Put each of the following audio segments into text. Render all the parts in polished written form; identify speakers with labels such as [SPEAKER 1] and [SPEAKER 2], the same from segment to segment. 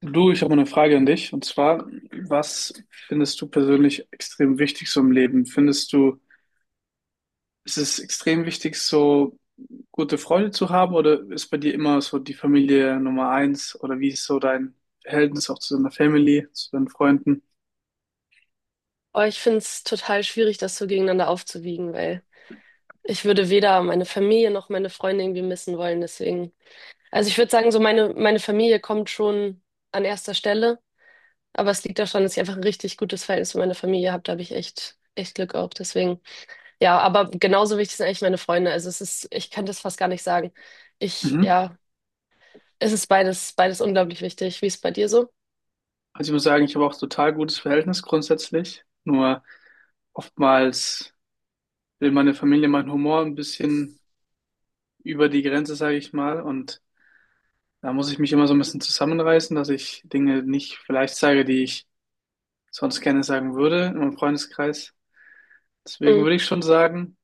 [SPEAKER 1] Du, ich habe mal eine Frage an dich. Und zwar, was findest du persönlich extrem wichtig so im Leben? Findest du, ist es extrem wichtig, so gute Freunde zu haben, oder ist bei dir immer so die Familie Nummer eins? Oder wie ist so dein Verhältnis auch zu deiner Family, zu deinen Freunden?
[SPEAKER 2] Oh, ich finde es total schwierig, das so gegeneinander aufzuwiegen, weil ich würde weder meine Familie noch meine Freunde irgendwie missen wollen. Deswegen, also ich würde sagen, so meine Familie kommt schon an erster Stelle, aber es liegt daran, dass ich einfach ein richtig gutes Verhältnis mit meiner Familie habe. Da habe ich echt, echt Glück auch. Deswegen, ja, aber genauso wichtig sind eigentlich meine Freunde. Also es ist, ich kann das fast gar nicht sagen.
[SPEAKER 1] Mhm.
[SPEAKER 2] Ja, es ist beides, beides unglaublich wichtig. Wie ist es bei dir so?
[SPEAKER 1] Also ich muss sagen, ich habe auch total gutes Verhältnis grundsätzlich. Nur oftmals will meine Familie meinen Humor ein bisschen über die Grenze, sage ich mal. Und da muss ich mich immer so ein bisschen zusammenreißen, dass ich Dinge nicht vielleicht sage, die ich sonst gerne sagen würde in meinem Freundeskreis. Deswegen
[SPEAKER 2] Hm,
[SPEAKER 1] würde ich schon sagen,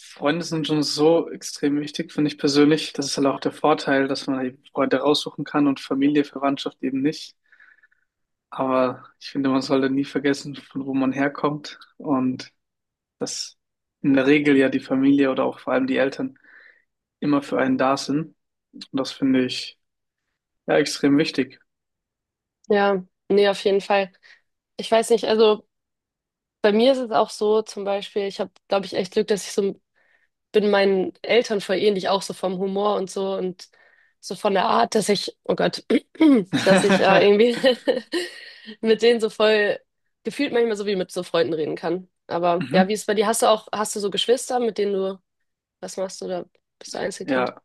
[SPEAKER 1] Freunde sind schon so extrem wichtig, finde ich persönlich. Das ist halt auch der Vorteil, dass man eben Freunde raussuchen kann und Familie, Verwandtschaft eben nicht. Aber ich finde, man sollte nie vergessen, von wo man herkommt und dass in der Regel ja die Familie oder auch vor allem die Eltern immer für einen da sind. Und das finde ich ja extrem wichtig.
[SPEAKER 2] ja, nee, auf jeden Fall. Ich weiß nicht, also. Bei mir ist es auch so, zum Beispiel, ich habe, glaube ich, echt Glück, dass ich so bin meinen Eltern voll ähnlich, auch so vom Humor und so von der Art, dass ich, oh Gott, dass ich irgendwie mit denen so voll gefühlt manchmal so wie mit so Freunden reden kann. Aber ja,
[SPEAKER 1] Mhm.
[SPEAKER 2] wie ist es bei dir? Hast du so Geschwister, was machst du da? Bist du Einzelkind?
[SPEAKER 1] Ja.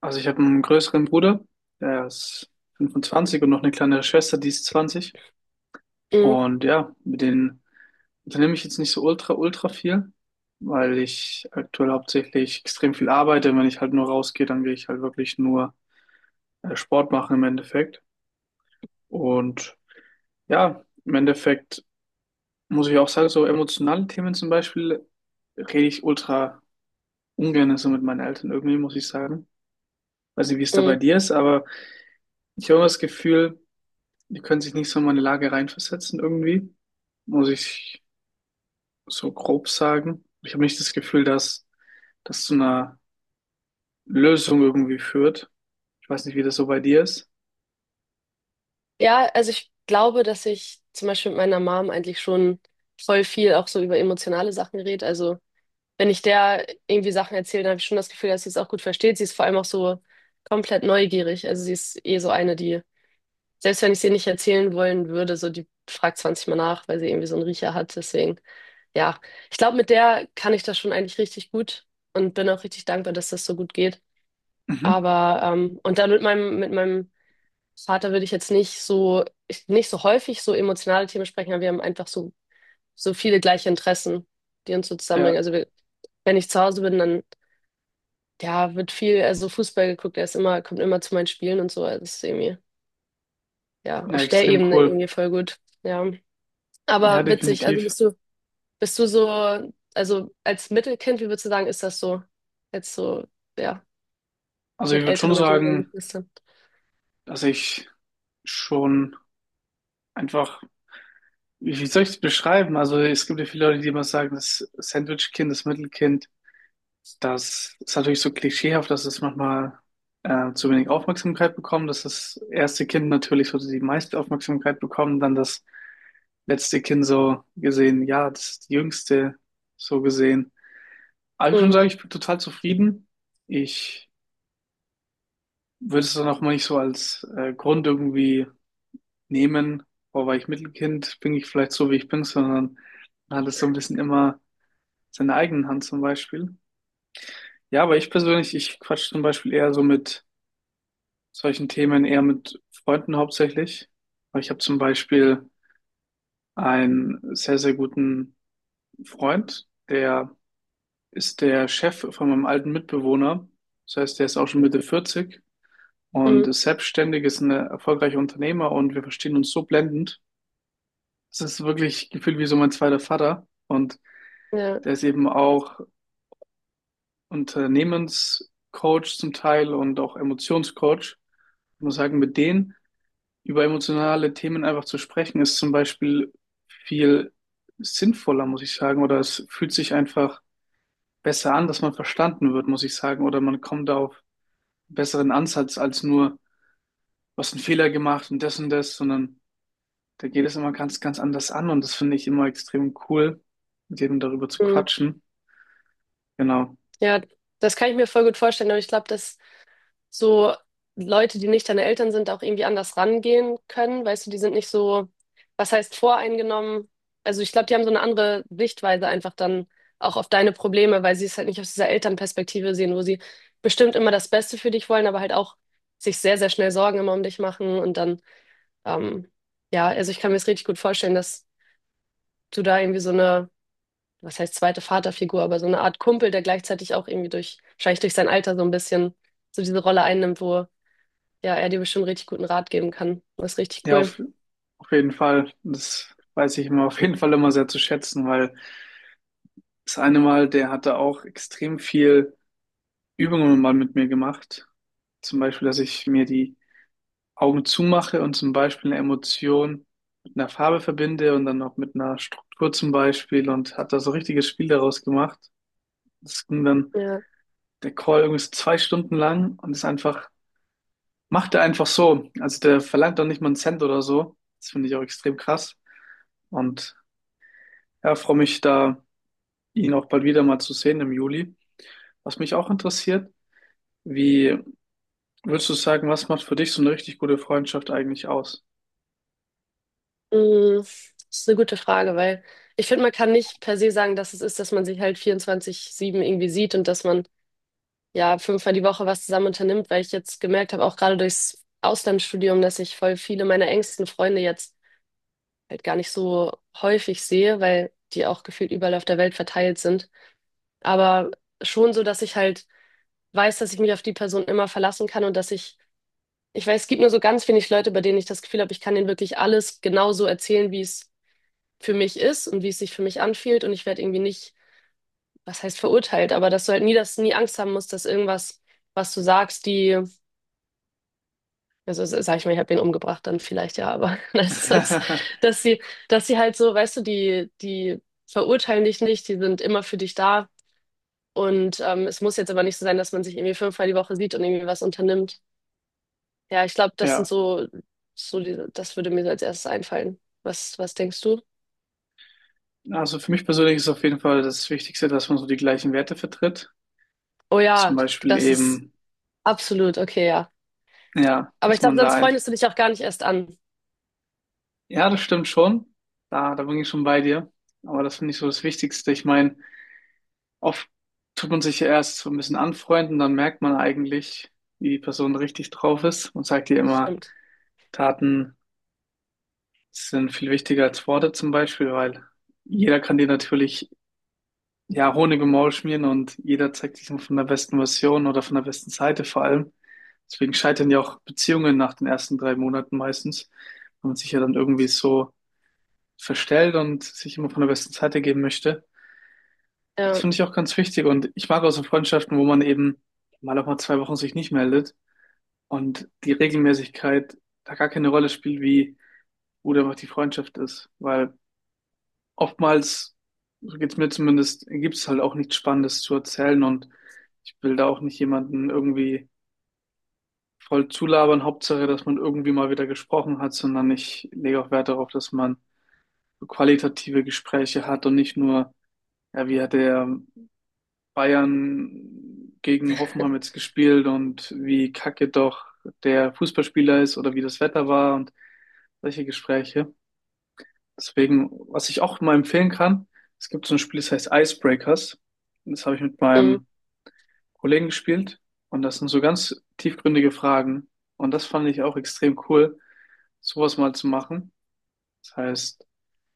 [SPEAKER 1] Also ich habe einen größeren Bruder, der ist 25, und noch eine kleinere Schwester, die ist 20.
[SPEAKER 2] Mhm.
[SPEAKER 1] Und ja, mit denen unternehme ich jetzt nicht so ultra, ultra viel, weil ich aktuell hauptsächlich extrem viel arbeite. Wenn ich halt nur rausgehe, dann gehe ich halt wirklich nur Sport machen im Endeffekt. Und ja, im Endeffekt muss ich auch sagen, so emotionale Themen zum Beispiel rede ich ultra ungern so mit meinen Eltern irgendwie, muss ich sagen. Weiß nicht, wie es da bei
[SPEAKER 2] Mhm.
[SPEAKER 1] dir ist, aber ich habe immer das Gefühl, die können sich nicht so in meine Lage reinversetzen irgendwie, muss ich so grob sagen. Ich habe nicht das Gefühl, dass das zu einer Lösung irgendwie führt. Ich weiß nicht, wie das so bei dir ist.
[SPEAKER 2] Ja, also ich glaube, dass ich zum Beispiel mit meiner Mom eigentlich schon voll viel auch so über emotionale Sachen rede. Also wenn ich der irgendwie Sachen erzähle, dann habe ich schon das Gefühl, dass sie es auch gut versteht. Sie ist vor allem auch so komplett neugierig. Also sie ist eh so eine, die, selbst wenn ich sie nicht erzählen wollen würde, so die fragt 20 Mal nach, weil sie irgendwie so einen Riecher hat. Deswegen, ja, ich glaube, mit der kann ich das schon eigentlich richtig gut und bin auch richtig dankbar, dass das so gut geht.
[SPEAKER 1] Mhm.
[SPEAKER 2] Aber, und dann mit meinem Vater würde ich jetzt nicht so, ich, nicht so häufig so emotionale Themen sprechen, aber wir haben einfach so viele gleiche Interessen, die uns so
[SPEAKER 1] Ja,
[SPEAKER 2] zusammenbringen. Also wir, wenn ich zu Hause bin, dann ja, wird viel, also Fußball geguckt, er ist immer, kommt immer zu meinen Spielen und so, also das ist irgendwie, ja,
[SPEAKER 1] ja,
[SPEAKER 2] auf der
[SPEAKER 1] extrem
[SPEAKER 2] Ebene
[SPEAKER 1] cool.
[SPEAKER 2] irgendwie voll gut, ja.
[SPEAKER 1] Ja,
[SPEAKER 2] Aber witzig, also
[SPEAKER 1] definitiv.
[SPEAKER 2] bist du so, also als Mittelkind, wie würdest du sagen, ist das so, jetzt so, ja,
[SPEAKER 1] Also ich
[SPEAKER 2] mit
[SPEAKER 1] würde schon
[SPEAKER 2] älteren und jüngeren
[SPEAKER 1] sagen,
[SPEAKER 2] Geschwistern?
[SPEAKER 1] dass ich schon einfach, wie soll ich es beschreiben? Also es gibt ja viele Leute, die immer sagen, das Sandwich-Kind, das Mittelkind. Das ist natürlich so klischeehaft, dass es manchmal zu wenig Aufmerksamkeit bekommt, dass das erste Kind natürlich so die meiste Aufmerksamkeit bekommt, dann das letzte Kind so gesehen, ja, das ist die jüngste so gesehen. Aber ich würde schon
[SPEAKER 2] Mm,
[SPEAKER 1] sagen, ich bin total zufrieden. Ich würde es dann auch mal nicht so als Grund irgendwie nehmen, boah, weil ich Mittelkind bin, ich vielleicht so, wie ich bin, sondern man hat es so ein bisschen immer in seiner eigenen Hand zum Beispiel. Ja, aber ich persönlich, ich quatsch zum Beispiel eher so mit solchen Themen eher mit Freunden hauptsächlich. Aber ich habe zum Beispiel einen sehr, sehr guten Freund, der ist der Chef von meinem alten Mitbewohner. Das heißt, der ist auch schon Mitte 40 und
[SPEAKER 2] mm,
[SPEAKER 1] ist selbstständig, ist ein erfolgreicher Unternehmer, und wir verstehen uns so blendend. Es ist wirklich gefühlt wie so mein zweiter Vater, und
[SPEAKER 2] ja,
[SPEAKER 1] der ist eben auch Unternehmenscoach zum Teil und auch Emotionscoach. Ich muss sagen, mit denen über emotionale Themen einfach zu sprechen, ist zum Beispiel viel sinnvoller, muss ich sagen, oder es fühlt sich einfach besser an, dass man verstanden wird, muss ich sagen, oder man kommt auf einen besseren Ansatz als nur, du hast einen Fehler gemacht und das, sondern da geht es immer ganz, ganz anders an, und das finde ich immer extrem cool, mit jedem darüber zu
[SPEAKER 2] mm,
[SPEAKER 1] quatschen. Genau.
[SPEAKER 2] ja, das kann ich mir voll gut vorstellen, aber ich glaube, das so Leute, die nicht deine Eltern sind, auch irgendwie anders rangehen können. Weißt du, die sind nicht so, was heißt voreingenommen? Also ich glaube, die haben so eine andere Sichtweise einfach dann auch auf deine Probleme, weil sie es halt nicht aus dieser Elternperspektive sehen, wo sie bestimmt immer das Beste für dich wollen, aber halt auch sich sehr, sehr schnell Sorgen immer um dich machen und dann, ähm, ja, also ich kann mir das richtig gut vorstellen, dass du da irgendwie so eine, was heißt zweite Vaterfigur, aber so eine Art Kumpel, der gleichzeitig auch irgendwie wahrscheinlich durch sein Alter so ein bisschen so diese Rolle einnimmt, wo ja, er dir bestimmt richtig guten Rat geben kann. Das ist richtig
[SPEAKER 1] Ja,
[SPEAKER 2] cool.
[SPEAKER 1] auf jeden Fall. Das weiß ich immer auf jeden Fall immer sehr zu schätzen, weil das eine Mal, der hatte auch extrem viel Übungen mal mit mir gemacht. Zum Beispiel, dass ich mir die Augen zumache und zum Beispiel eine Emotion mit einer Farbe verbinde und dann auch mit einer Struktur zum Beispiel, und hat da so ein richtiges Spiel daraus gemacht. Das ging dann
[SPEAKER 2] Ja,
[SPEAKER 1] der Call irgendwie so zwei Stunden lang und ist einfach, macht er einfach so. Also der verlangt doch nicht mal einen Cent oder so. Das finde ich auch extrem krass. Und ja, freue mich da, ihn auch bald wieder mal zu sehen im Juli. Was mich auch interessiert, wie würdest du sagen, was macht für dich so eine richtig gute Freundschaft eigentlich aus?
[SPEAKER 2] mm, das ist eine gute Frage, weil ich finde, man kann nicht per se sagen, dass es ist, dass man sich halt 24/7 irgendwie sieht und dass man ja fünfmal die Woche was zusammen unternimmt, weil ich jetzt gemerkt habe, auch gerade durchs Auslandsstudium, dass ich voll viele meiner engsten Freunde jetzt halt gar nicht so häufig sehe, weil die auch gefühlt überall auf der Welt verteilt sind. Aber schon so, dass ich halt weiß, dass ich mich auf die Person immer verlassen kann und dass ich ich weiß, es gibt nur so ganz wenig Leute, bei denen ich das Gefühl habe, ich kann denen wirklich alles genauso erzählen, wie es für mich ist und wie es sich für mich anfühlt. Und ich werde irgendwie nicht, was heißt verurteilt, aber dass du halt nie das, nie Angst haben musst, dass irgendwas, was du sagst, also sag ich mal, ich habe den umgebracht, dann vielleicht ja, aber dass sie, dass sie halt so, weißt du, die verurteilen dich nicht, die sind immer für dich da. Und es muss jetzt aber nicht so sein, dass man sich irgendwie fünfmal die Woche sieht und irgendwie was unternimmt. Ja, ich glaube, das sind
[SPEAKER 1] Ja,
[SPEAKER 2] so, so diese, das würde mir so als erstes einfallen. Was, was denkst du?
[SPEAKER 1] also für mich persönlich ist auf jeden Fall das Wichtigste, dass man so die gleichen Werte vertritt.
[SPEAKER 2] Oh ja,
[SPEAKER 1] Zum Beispiel
[SPEAKER 2] das ist
[SPEAKER 1] eben,
[SPEAKER 2] absolut okay, ja.
[SPEAKER 1] ja,
[SPEAKER 2] Aber ich
[SPEAKER 1] dass
[SPEAKER 2] glaube,
[SPEAKER 1] man da
[SPEAKER 2] sonst
[SPEAKER 1] ein,
[SPEAKER 2] freundest du dich auch gar nicht erst an.
[SPEAKER 1] ja, das stimmt schon. Da bin ich schon bei dir. Aber das finde ich so das Wichtigste. Ich meine, oft tut man sich ja erst so ein bisschen anfreunden, dann merkt man eigentlich, wie die Person richtig drauf ist. Man sagt ja immer,
[SPEAKER 2] Stimmt.
[SPEAKER 1] Taten sind viel wichtiger als Worte zum Beispiel, weil jeder kann dir natürlich ja Honig im Maul schmieren, und jeder zeigt sich von der besten Version oder von der besten Seite vor allem. Deswegen scheitern ja auch Beziehungen nach den ersten drei Monaten meistens, wenn man sich ja dann irgendwie so verstellt und sich immer von der besten Seite geben möchte. Das
[SPEAKER 2] Ja,
[SPEAKER 1] finde ich auch ganz wichtig, und ich mag auch so Freundschaften, wo man eben mal auch mal zwei Wochen sich nicht meldet und die Regelmäßigkeit da gar keine Rolle spielt, wie gut einfach die Freundschaft ist, weil oftmals, so geht's mir zumindest, gibt's halt auch nichts Spannendes zu erzählen, und ich will da auch nicht jemanden irgendwie voll zulabern. Hauptsache, dass man irgendwie mal wieder gesprochen hat, sondern ich lege auch Wert darauf, dass man so qualitative Gespräche hat und nicht nur, ja, wie hat der Bayern gegen Hoffenheim jetzt gespielt und wie kacke doch der Fußballspieler ist oder wie das Wetter war und solche Gespräche. Deswegen, was ich auch mal empfehlen kann, es gibt so ein Spiel, das heißt Icebreakers. Das habe ich mit
[SPEAKER 2] mm,
[SPEAKER 1] meinem Kollegen gespielt, und das sind so ganz tiefgründige Fragen. Und das fand ich auch extrem cool, sowas mal zu machen. Das heißt,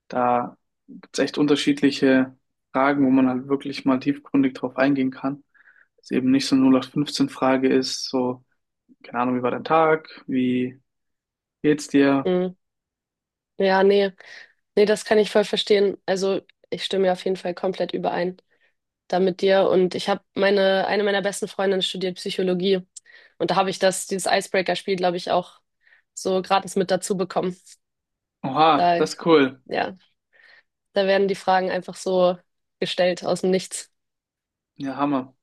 [SPEAKER 1] da gibt's echt unterschiedliche Fragen, wo man halt wirklich mal tiefgründig drauf eingehen kann. Dass es eben nicht so eine 0815-Frage ist, so, keine Ahnung, wie war dein Tag? Wie geht's dir?
[SPEAKER 2] mm. Ja, nee, nee, das kann ich voll verstehen. Also, ich stimme ja auf jeden Fall komplett überein da mit dir. Und ich habe meine, eine meiner besten Freundinnen studiert Psychologie. Und da habe ich dieses Icebreaker-Spiel, glaube ich, auch so gratis mit dazu bekommen.
[SPEAKER 1] Oha,
[SPEAKER 2] Da,
[SPEAKER 1] das ist cool.
[SPEAKER 2] ja. Da werden die Fragen einfach so gestellt aus dem Nichts.
[SPEAKER 1] Ja, Hammer.